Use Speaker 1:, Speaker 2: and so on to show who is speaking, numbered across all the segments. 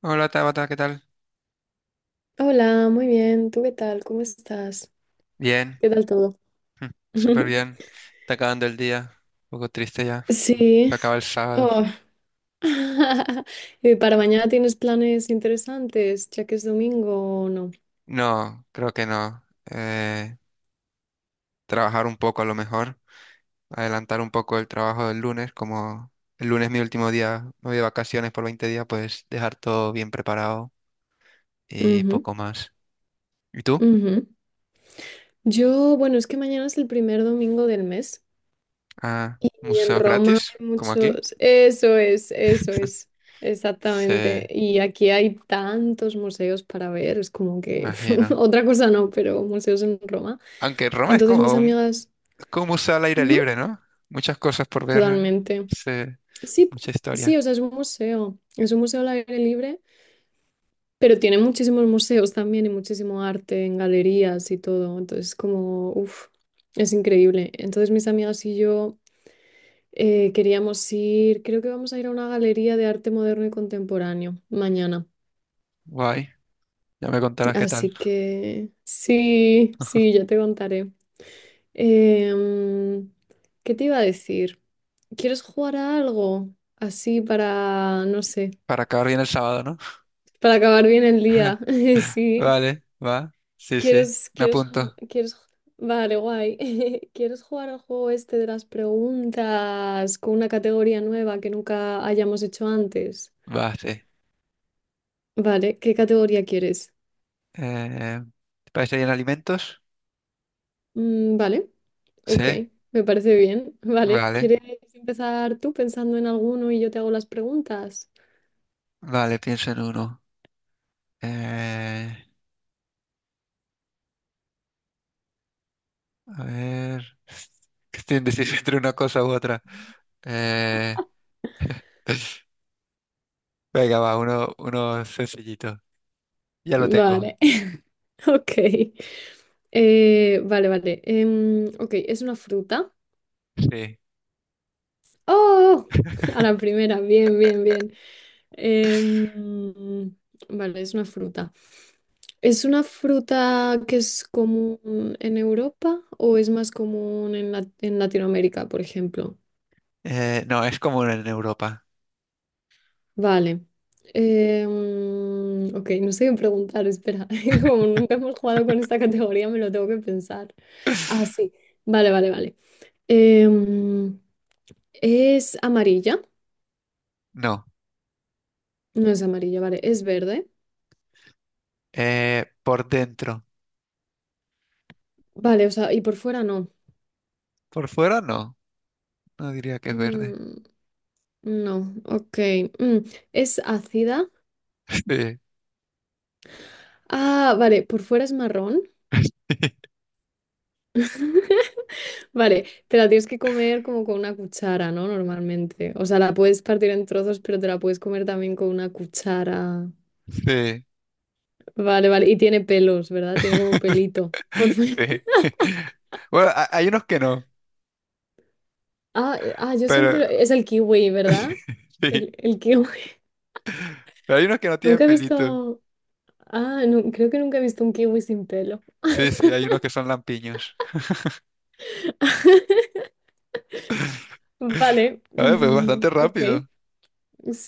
Speaker 1: Hola Tabata, ¿qué tal?
Speaker 2: Hola, muy bien. ¿Tú qué tal? ¿Cómo estás?
Speaker 1: Bien,
Speaker 2: ¿Qué tal todo?
Speaker 1: súper bien. Está acabando el día. Un poco triste ya.
Speaker 2: Sí.
Speaker 1: Se acaba el sábado.
Speaker 2: Oh. ¿Y para mañana tienes planes interesantes, ya que es domingo o no?
Speaker 1: No, creo que no. Eh, Trabajar un poco a lo mejor. Adelantar un poco el trabajo del lunes. Como el lunes es mi último día, me voy de vacaciones por 20 días, pues dejar todo bien preparado y
Speaker 2: Ujú,
Speaker 1: poco más. ¿Y tú?
Speaker 2: ujú. Yo, bueno, es que mañana es el primer domingo del mes
Speaker 1: Ah,
Speaker 2: y en
Speaker 1: museos
Speaker 2: Roma
Speaker 1: gratis,
Speaker 2: hay
Speaker 1: como aquí.
Speaker 2: muchos... eso es,
Speaker 1: Sí,
Speaker 2: exactamente. Y aquí hay tantos museos para ver, es como que
Speaker 1: imagino.
Speaker 2: otra cosa no, pero museos en Roma.
Speaker 1: Aunque Roma
Speaker 2: Entonces mis amigas...
Speaker 1: es como un museo al aire
Speaker 2: Ujú,
Speaker 1: libre, ¿no? Muchas cosas por ver.
Speaker 2: totalmente.
Speaker 1: Sí.
Speaker 2: Sí,
Speaker 1: Mucha
Speaker 2: sí,
Speaker 1: historia.
Speaker 2: o sea, es un museo. Es un museo al aire libre, pero tiene muchísimos museos también y muchísimo arte en galerías y todo. Entonces, como, es increíble. Entonces, mis amigas y yo queríamos ir, creo que vamos a ir a una galería de arte moderno y contemporáneo mañana.
Speaker 1: Guay. Ya me contarás qué tal.
Speaker 2: Así que, sí, sí, ya te contaré. Em, ¿Qué te iba a decir? ¿Quieres jugar a algo? Así para, no sé.
Speaker 1: Para acabar bien el sábado, ¿no?
Speaker 2: Para acabar bien el día, sí.
Speaker 1: Vale, va. Sí, sí.
Speaker 2: ¿Quieres,
Speaker 1: Me
Speaker 2: quieres,
Speaker 1: apunto.
Speaker 2: quieres, vale, guay. ¿Quieres jugar al juego este de las preguntas con una categoría nueva que nunca hayamos hecho antes?
Speaker 1: Va, sí.
Speaker 2: Vale, ¿qué categoría quieres?
Speaker 1: Eh, ¿Te parece bien alimentos?
Speaker 2: Mm, vale,
Speaker 1: Sí.
Speaker 2: ok, me parece bien. Vale,
Speaker 1: Vale.
Speaker 2: ¿quieres empezar tú pensando en alguno y yo te hago las preguntas?
Speaker 1: Vale, pienso en uno. Eh, a ver. Que estoy indeciso entre una cosa u otra. Eh, Venga, va, uno sencillito. Ya lo tengo.
Speaker 2: Vale, ok. Vale, vale. Ok, ¿es una fruta?
Speaker 1: Sí.
Speaker 2: ¡Oh! A la primera, bien, bien, bien. Em, vale, es una fruta. ¿Es una fruta que es común en Europa o es más común en, la- en Latinoamérica, por ejemplo?
Speaker 1: No, es común en Europa.
Speaker 2: Vale. Ok, no sé qué preguntar, espera. Como nunca hemos jugado con esta categoría, me lo tengo que pensar. Ah, sí. Vale, vale, vale. Em, ¿Es amarilla?
Speaker 1: No,
Speaker 2: No es amarilla, vale. ¿Es verde?
Speaker 1: por dentro.
Speaker 2: Vale, o sea, y por fuera no.
Speaker 1: Por fuera no, no diría que es verde.
Speaker 2: Mm, no, ok. Mm, ¿Es ácida? Ah, vale, por fuera es marrón.
Speaker 1: Sí,
Speaker 2: Vale, te la tienes que comer como con una cuchara, ¿no? Normalmente. O sea, la puedes partir en trozos, pero te la puedes comer también con una cuchara.
Speaker 1: sí,
Speaker 2: Vale, vale. Y tiene pelos, ¿verdad? Tiene como pelito. Por fuera.
Speaker 1: sí. Bueno, hay unos que no,
Speaker 2: Yo siempre... lo-
Speaker 1: pero
Speaker 2: Es el kiwi,
Speaker 1: sí,
Speaker 2: ¿verdad? El kiwi.
Speaker 1: pero hay unos que no tienen
Speaker 2: Nunca he
Speaker 1: pelitos.
Speaker 2: visto... Ah, no, creo que nunca he visto un kiwi sin pelo.
Speaker 1: Sí, sí, hay unos que son lampiños.
Speaker 2: Vale,
Speaker 1: A ver, pues
Speaker 2: mm,
Speaker 1: bastante
Speaker 2: ok.
Speaker 1: rápido.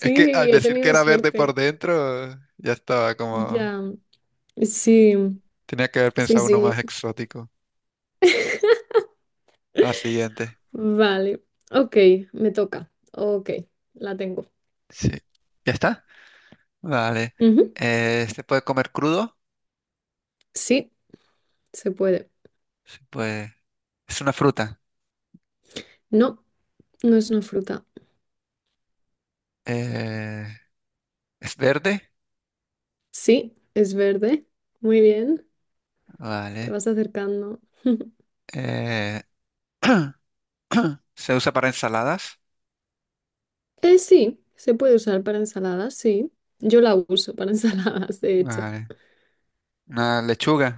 Speaker 1: Es que al
Speaker 2: he
Speaker 1: decir que
Speaker 2: tenido
Speaker 1: era verde por
Speaker 2: suerte.
Speaker 1: dentro, ya estaba como...
Speaker 2: Ya, sí,
Speaker 1: Tenía que haber
Speaker 2: sí,
Speaker 1: pensado uno más
Speaker 2: sí.
Speaker 1: exótico. Ah, siguiente.
Speaker 2: Vale. Ok, me toca. Ok, la tengo.
Speaker 1: Sí. ¿Ya está? Vale.
Speaker 2: Ujú,
Speaker 1: ¿Se puede comer crudo?
Speaker 2: sí, se puede.
Speaker 1: Se puede. Es una fruta.
Speaker 2: No, no es una fruta.
Speaker 1: Eh, ¿Es verde?
Speaker 2: Sí, es verde. Muy bien, te
Speaker 1: Vale.
Speaker 2: vas acercando.
Speaker 1: Eh, ¿se usa para ensaladas?
Speaker 2: Sí, se puede usar para ensaladas, sí. Yo la uso para ensaladas, de hecho.
Speaker 1: Vale. Una lechuga.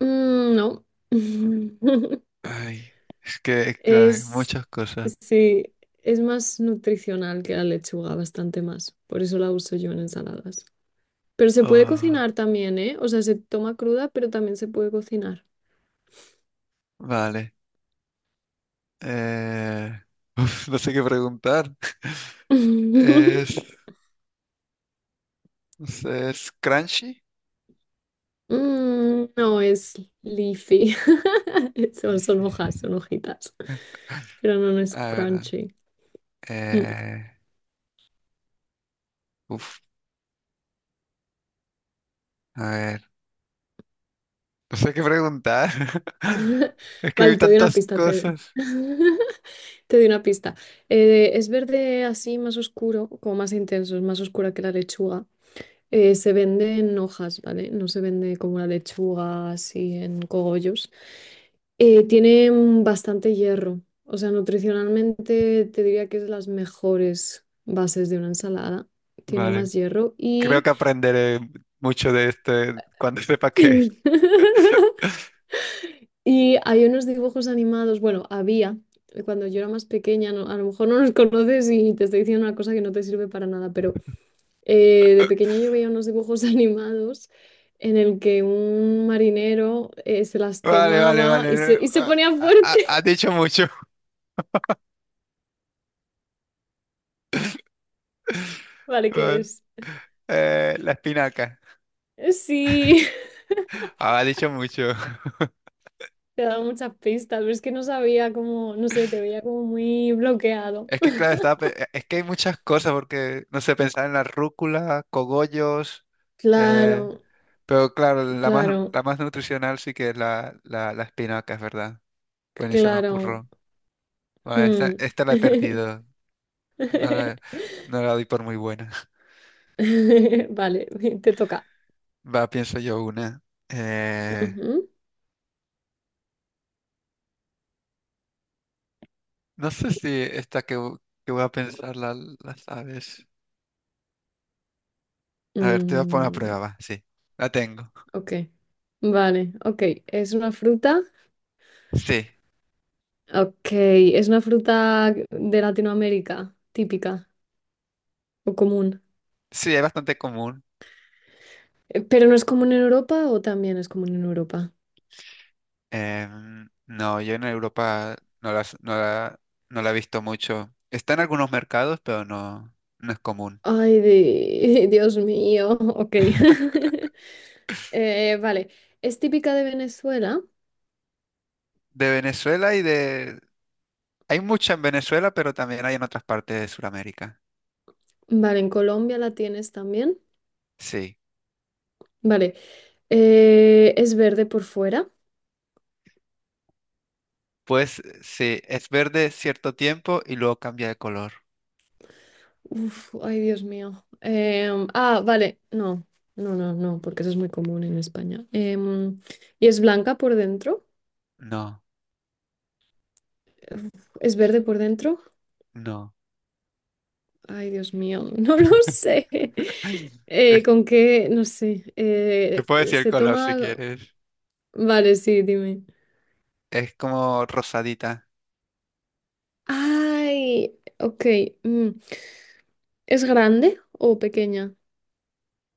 Speaker 2: Mm, no.
Speaker 1: Ay, es que, claro, hay
Speaker 2: Es,
Speaker 1: muchas cosas.
Speaker 2: sí, es más nutricional que la lechuga, bastante más. Por eso la uso yo en ensaladas. Pero se puede
Speaker 1: Oh,
Speaker 2: cocinar también, ¿eh? O sea, se toma cruda, pero también se puede cocinar.
Speaker 1: vale. Eh, Uf, no sé qué preguntar. Es, no sé, es crunchy.
Speaker 2: Mm, no, es leafy. Son,
Speaker 1: Y
Speaker 2: son hojas,
Speaker 1: sí.
Speaker 2: son hojitas. Pero no, no es
Speaker 1: Ah, verdad.
Speaker 2: crunchy. Mm.
Speaker 1: Eh, uf, a ver. No sé qué preguntar. Es que hay
Speaker 2: Vale, te doy una
Speaker 1: tantas
Speaker 2: pista. Te...
Speaker 1: cosas.
Speaker 2: Te doy una pista. Es verde así más oscuro, como más intenso, es más oscura que la lechuga. Se vende en hojas, ¿vale? No se vende como la lechuga, así en cogollos. Tiene bastante hierro. O sea, nutricionalmente te diría que es las mejores bases de una ensalada. Tiene
Speaker 1: Vale.
Speaker 2: más hierro
Speaker 1: Creo
Speaker 2: y...
Speaker 1: que aprenderé mucho de este cuando sepa qué. Es.
Speaker 2: Y hay unos dibujos animados, bueno, había, cuando yo era más pequeña, no- a lo mejor no los conoces y te estoy diciendo una cosa que no te sirve para nada, pero de pequeña yo veía unos dibujos animados en el que un marinero se las
Speaker 1: Vale, vale,
Speaker 2: tomaba
Speaker 1: vale.
Speaker 2: y se ponía
Speaker 1: Ha
Speaker 2: fuerte.
Speaker 1: dicho mucho.
Speaker 2: Vale, ¿qué
Speaker 1: Vale.
Speaker 2: es?
Speaker 1: La espinaca.
Speaker 2: Sí,
Speaker 1: Ah, ha dicho mucho.
Speaker 2: te ha dado muchas pistas, pero es que no sabía cómo, no sé, te veía como muy bloqueado.
Speaker 1: Es que, claro, es que hay muchas cosas porque, no sé, pensar en la rúcula, cogollos. Eh,
Speaker 2: Claro,
Speaker 1: pero,
Speaker 2: claro,
Speaker 1: la más nutricional sí que es la espinaca, es verdad. Pues ni se me
Speaker 2: claro.
Speaker 1: ocurrió. Vale,
Speaker 2: Hmm.
Speaker 1: esta la he perdido. No la, no la doy por muy buena.
Speaker 2: Vale, te toca.
Speaker 1: Va, pienso yo una. Eh, no sé si que voy a pensar la sabes.
Speaker 2: Ujú.
Speaker 1: A ver, te voy a poner a
Speaker 2: Mm,
Speaker 1: prueba, va. Sí, la tengo.
Speaker 2: ok, vale, ok. ¿Es una fruta?
Speaker 1: Sí,
Speaker 2: Ok, es una fruta de Latinoamérica, típica o común.
Speaker 1: sí, es bastante común.
Speaker 2: ¿Pero no es común en Europa o también es común en Europa?
Speaker 1: Em, no, yo en Europa no la, no la, no la he visto mucho. Está en algunos mercados, pero no, no es común.
Speaker 2: Ay, di- Dios mío, ok. Vale, es típica de Venezuela.
Speaker 1: De Venezuela y de... Hay mucha en Venezuela, pero también hay en otras partes de Sudamérica.
Speaker 2: Vale, en Colombia la tienes también.
Speaker 1: Sí.
Speaker 2: Vale, es verde por fuera.
Speaker 1: Pues sí, es verde cierto tiempo y luego cambia de color.
Speaker 2: Uf, ay, Dios mío. Ah, vale, no, no, no, no, porque eso es muy común en España. ¿Y es blanca por dentro?
Speaker 1: No,
Speaker 2: Uf, ¿es verde por dentro?
Speaker 1: no.
Speaker 2: Ay, Dios mío, no lo sé. ¿Con qué? No sé.
Speaker 1: Te puedo decir el
Speaker 2: Se
Speaker 1: color si
Speaker 2: toma...
Speaker 1: quieres.
Speaker 2: Vale, sí, dime.
Speaker 1: Es como rosadita.
Speaker 2: Ay, ok. Mm. ¿Es grande o pequeña?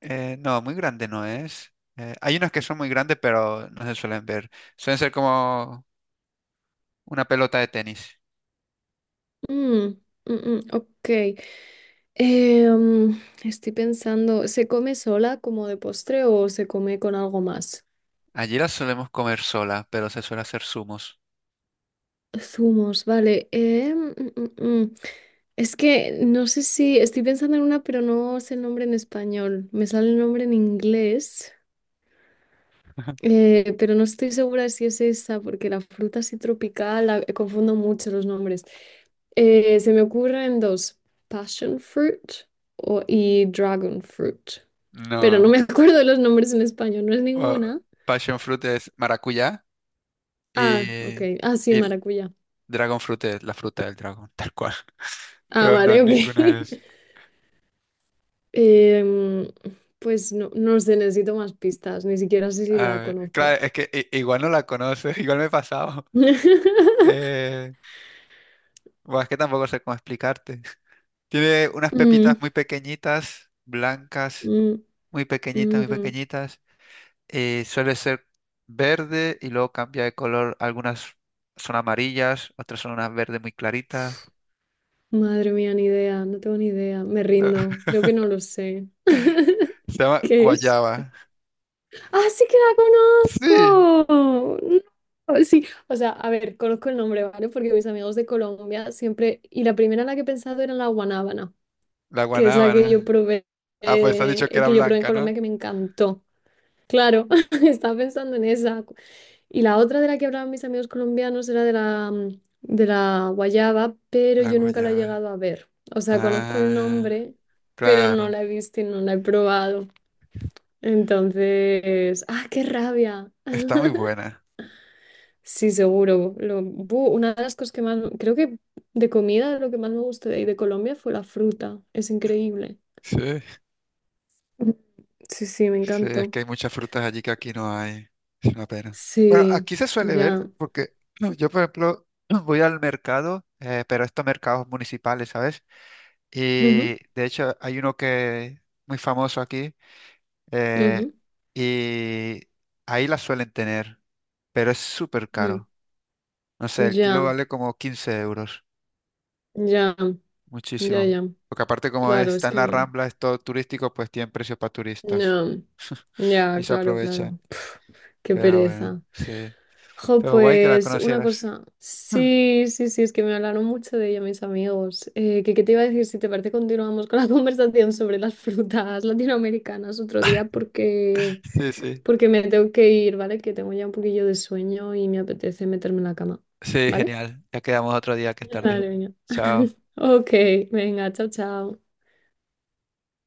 Speaker 1: No, muy grande no es. Hay unas que son muy grandes, pero no se suelen ver. Suelen ser como una pelota de tenis.
Speaker 2: Mm, mm, mm, ok. Eh, mm, Estoy pensando, ¿se come sola como de postre o se come con algo más?
Speaker 1: Allí las solemos comer sola, pero se suele hacer zumos.
Speaker 2: Zumos, vale. Mm, mm. Es que no sé si estoy pensando en una, pero no sé el nombre en español. Me sale el nombre en inglés, pero no estoy segura si es esa, porque la fruta así tropical, la- confundo mucho los nombres. Se me ocurren dos, passion fruit y dragon fruit, pero no
Speaker 1: No.
Speaker 2: me acuerdo de los nombres en español, no es
Speaker 1: o-
Speaker 2: ninguna.
Speaker 1: Passion fruit es maracuyá y,
Speaker 2: Ah, ok. Ah, sí,
Speaker 1: y
Speaker 2: maracuyá.
Speaker 1: Dragon Fruit es la fruta del dragón, tal cual.
Speaker 2: Ah,
Speaker 1: Pero no,
Speaker 2: vale, ok.
Speaker 1: ninguna es.
Speaker 2: Em, pues no, no sé, necesito más pistas, ni siquiera sé si
Speaker 1: A
Speaker 2: la
Speaker 1: ver,
Speaker 2: conozco.
Speaker 1: claro, es que igual no la conoces, igual me he pasado. Eh, bueno, es que tampoco sé cómo explicarte. Tiene unas
Speaker 2: Mm,
Speaker 1: pepitas muy pequeñitas, blancas,
Speaker 2: mm,
Speaker 1: muy pequeñitas, muy
Speaker 2: mm.
Speaker 1: pequeñitas. Suele ser verde y luego cambia de color. Algunas son amarillas, otras son unas verdes muy claritas.
Speaker 2: Madre mía, ni idea, no tengo ni idea, me rindo, creo que no lo sé.
Speaker 1: Se llama
Speaker 2: ¿Qué es?
Speaker 1: guayaba.
Speaker 2: ¡Ah, sí que la
Speaker 1: Sí,
Speaker 2: conozco! No, sí, o sea, a ver, conozco el nombre, ¿vale? Porque mis amigos de Colombia siempre, y la primera en la que he pensado era la guanábana,
Speaker 1: la
Speaker 2: que es la
Speaker 1: guanábana. Ah, pues has dicho que era
Speaker 2: que yo probé en
Speaker 1: blanca, ¿no?
Speaker 2: Colombia que me encantó. Claro, estaba pensando en esa. Y la otra de la que hablaban mis amigos colombianos era de la, mm, de la guayaba, pero
Speaker 1: La
Speaker 2: yo nunca la he
Speaker 1: guayaba.
Speaker 2: llegado a ver. O sea, conozco el
Speaker 1: Ah,
Speaker 2: nombre, pero no
Speaker 1: claro.
Speaker 2: la he visto y no la he probado. Entonces, ¡ah, qué rabia!
Speaker 1: Está muy buena.
Speaker 2: Sí, seguro. Lo, bu, una de las cosas que más, creo que de comida, lo que más me gustó de ahí de Colombia fue la fruta. Es increíble.
Speaker 1: Sí.
Speaker 2: Mm. Sí, sí, me
Speaker 1: Sí, es
Speaker 2: encantó.
Speaker 1: que hay muchas frutas allí que aquí no hay. Es una pena. Bueno,
Speaker 2: Sí,
Speaker 1: aquí se suele ver
Speaker 2: ya.
Speaker 1: porque no, yo, por ejemplo, voy al mercado, pero estos mercados municipales, ¿sabes? Y
Speaker 2: Ujú,
Speaker 1: de hecho hay uno que muy famoso aquí, eh,
Speaker 2: ujú,
Speaker 1: y ahí la suelen tener, pero es súper
Speaker 2: mm,
Speaker 1: caro. No sé, el kilo
Speaker 2: ya.
Speaker 1: vale como 15 euros.
Speaker 2: Ya, ya,
Speaker 1: Muchísimo.
Speaker 2: ya.
Speaker 1: Porque aparte como
Speaker 2: Claro, es
Speaker 1: está en
Speaker 2: que
Speaker 1: la
Speaker 2: no.
Speaker 1: Rambla, es todo turístico, pues tienen precios para turistas
Speaker 2: No.
Speaker 1: y
Speaker 2: Ya,
Speaker 1: se
Speaker 2: claro,
Speaker 1: aprovechan.
Speaker 2: claro. Qué
Speaker 1: Pero bueno,
Speaker 2: pereza.
Speaker 1: sí.
Speaker 2: Jo,
Speaker 1: Pero guay que la
Speaker 2: pues una
Speaker 1: conocieras.
Speaker 2: cosa. Sí, sí, sí, es que me hablaron mucho de ella mis amigos. Que, ¿qué te iba a decir? Si te parece, continuamos con la conversación sobre las frutas latinoamericanas otro día porque,
Speaker 1: Sí, sí.
Speaker 2: porque me tengo que ir, ¿vale? Que tengo ya un poquillo de sueño y me apetece meterme en la cama,
Speaker 1: Sí,
Speaker 2: ¿vale?
Speaker 1: genial. Ya quedamos otro día que es tarde.
Speaker 2: Vale, venga.
Speaker 1: Chao.
Speaker 2: Ok, venga, chao, chao.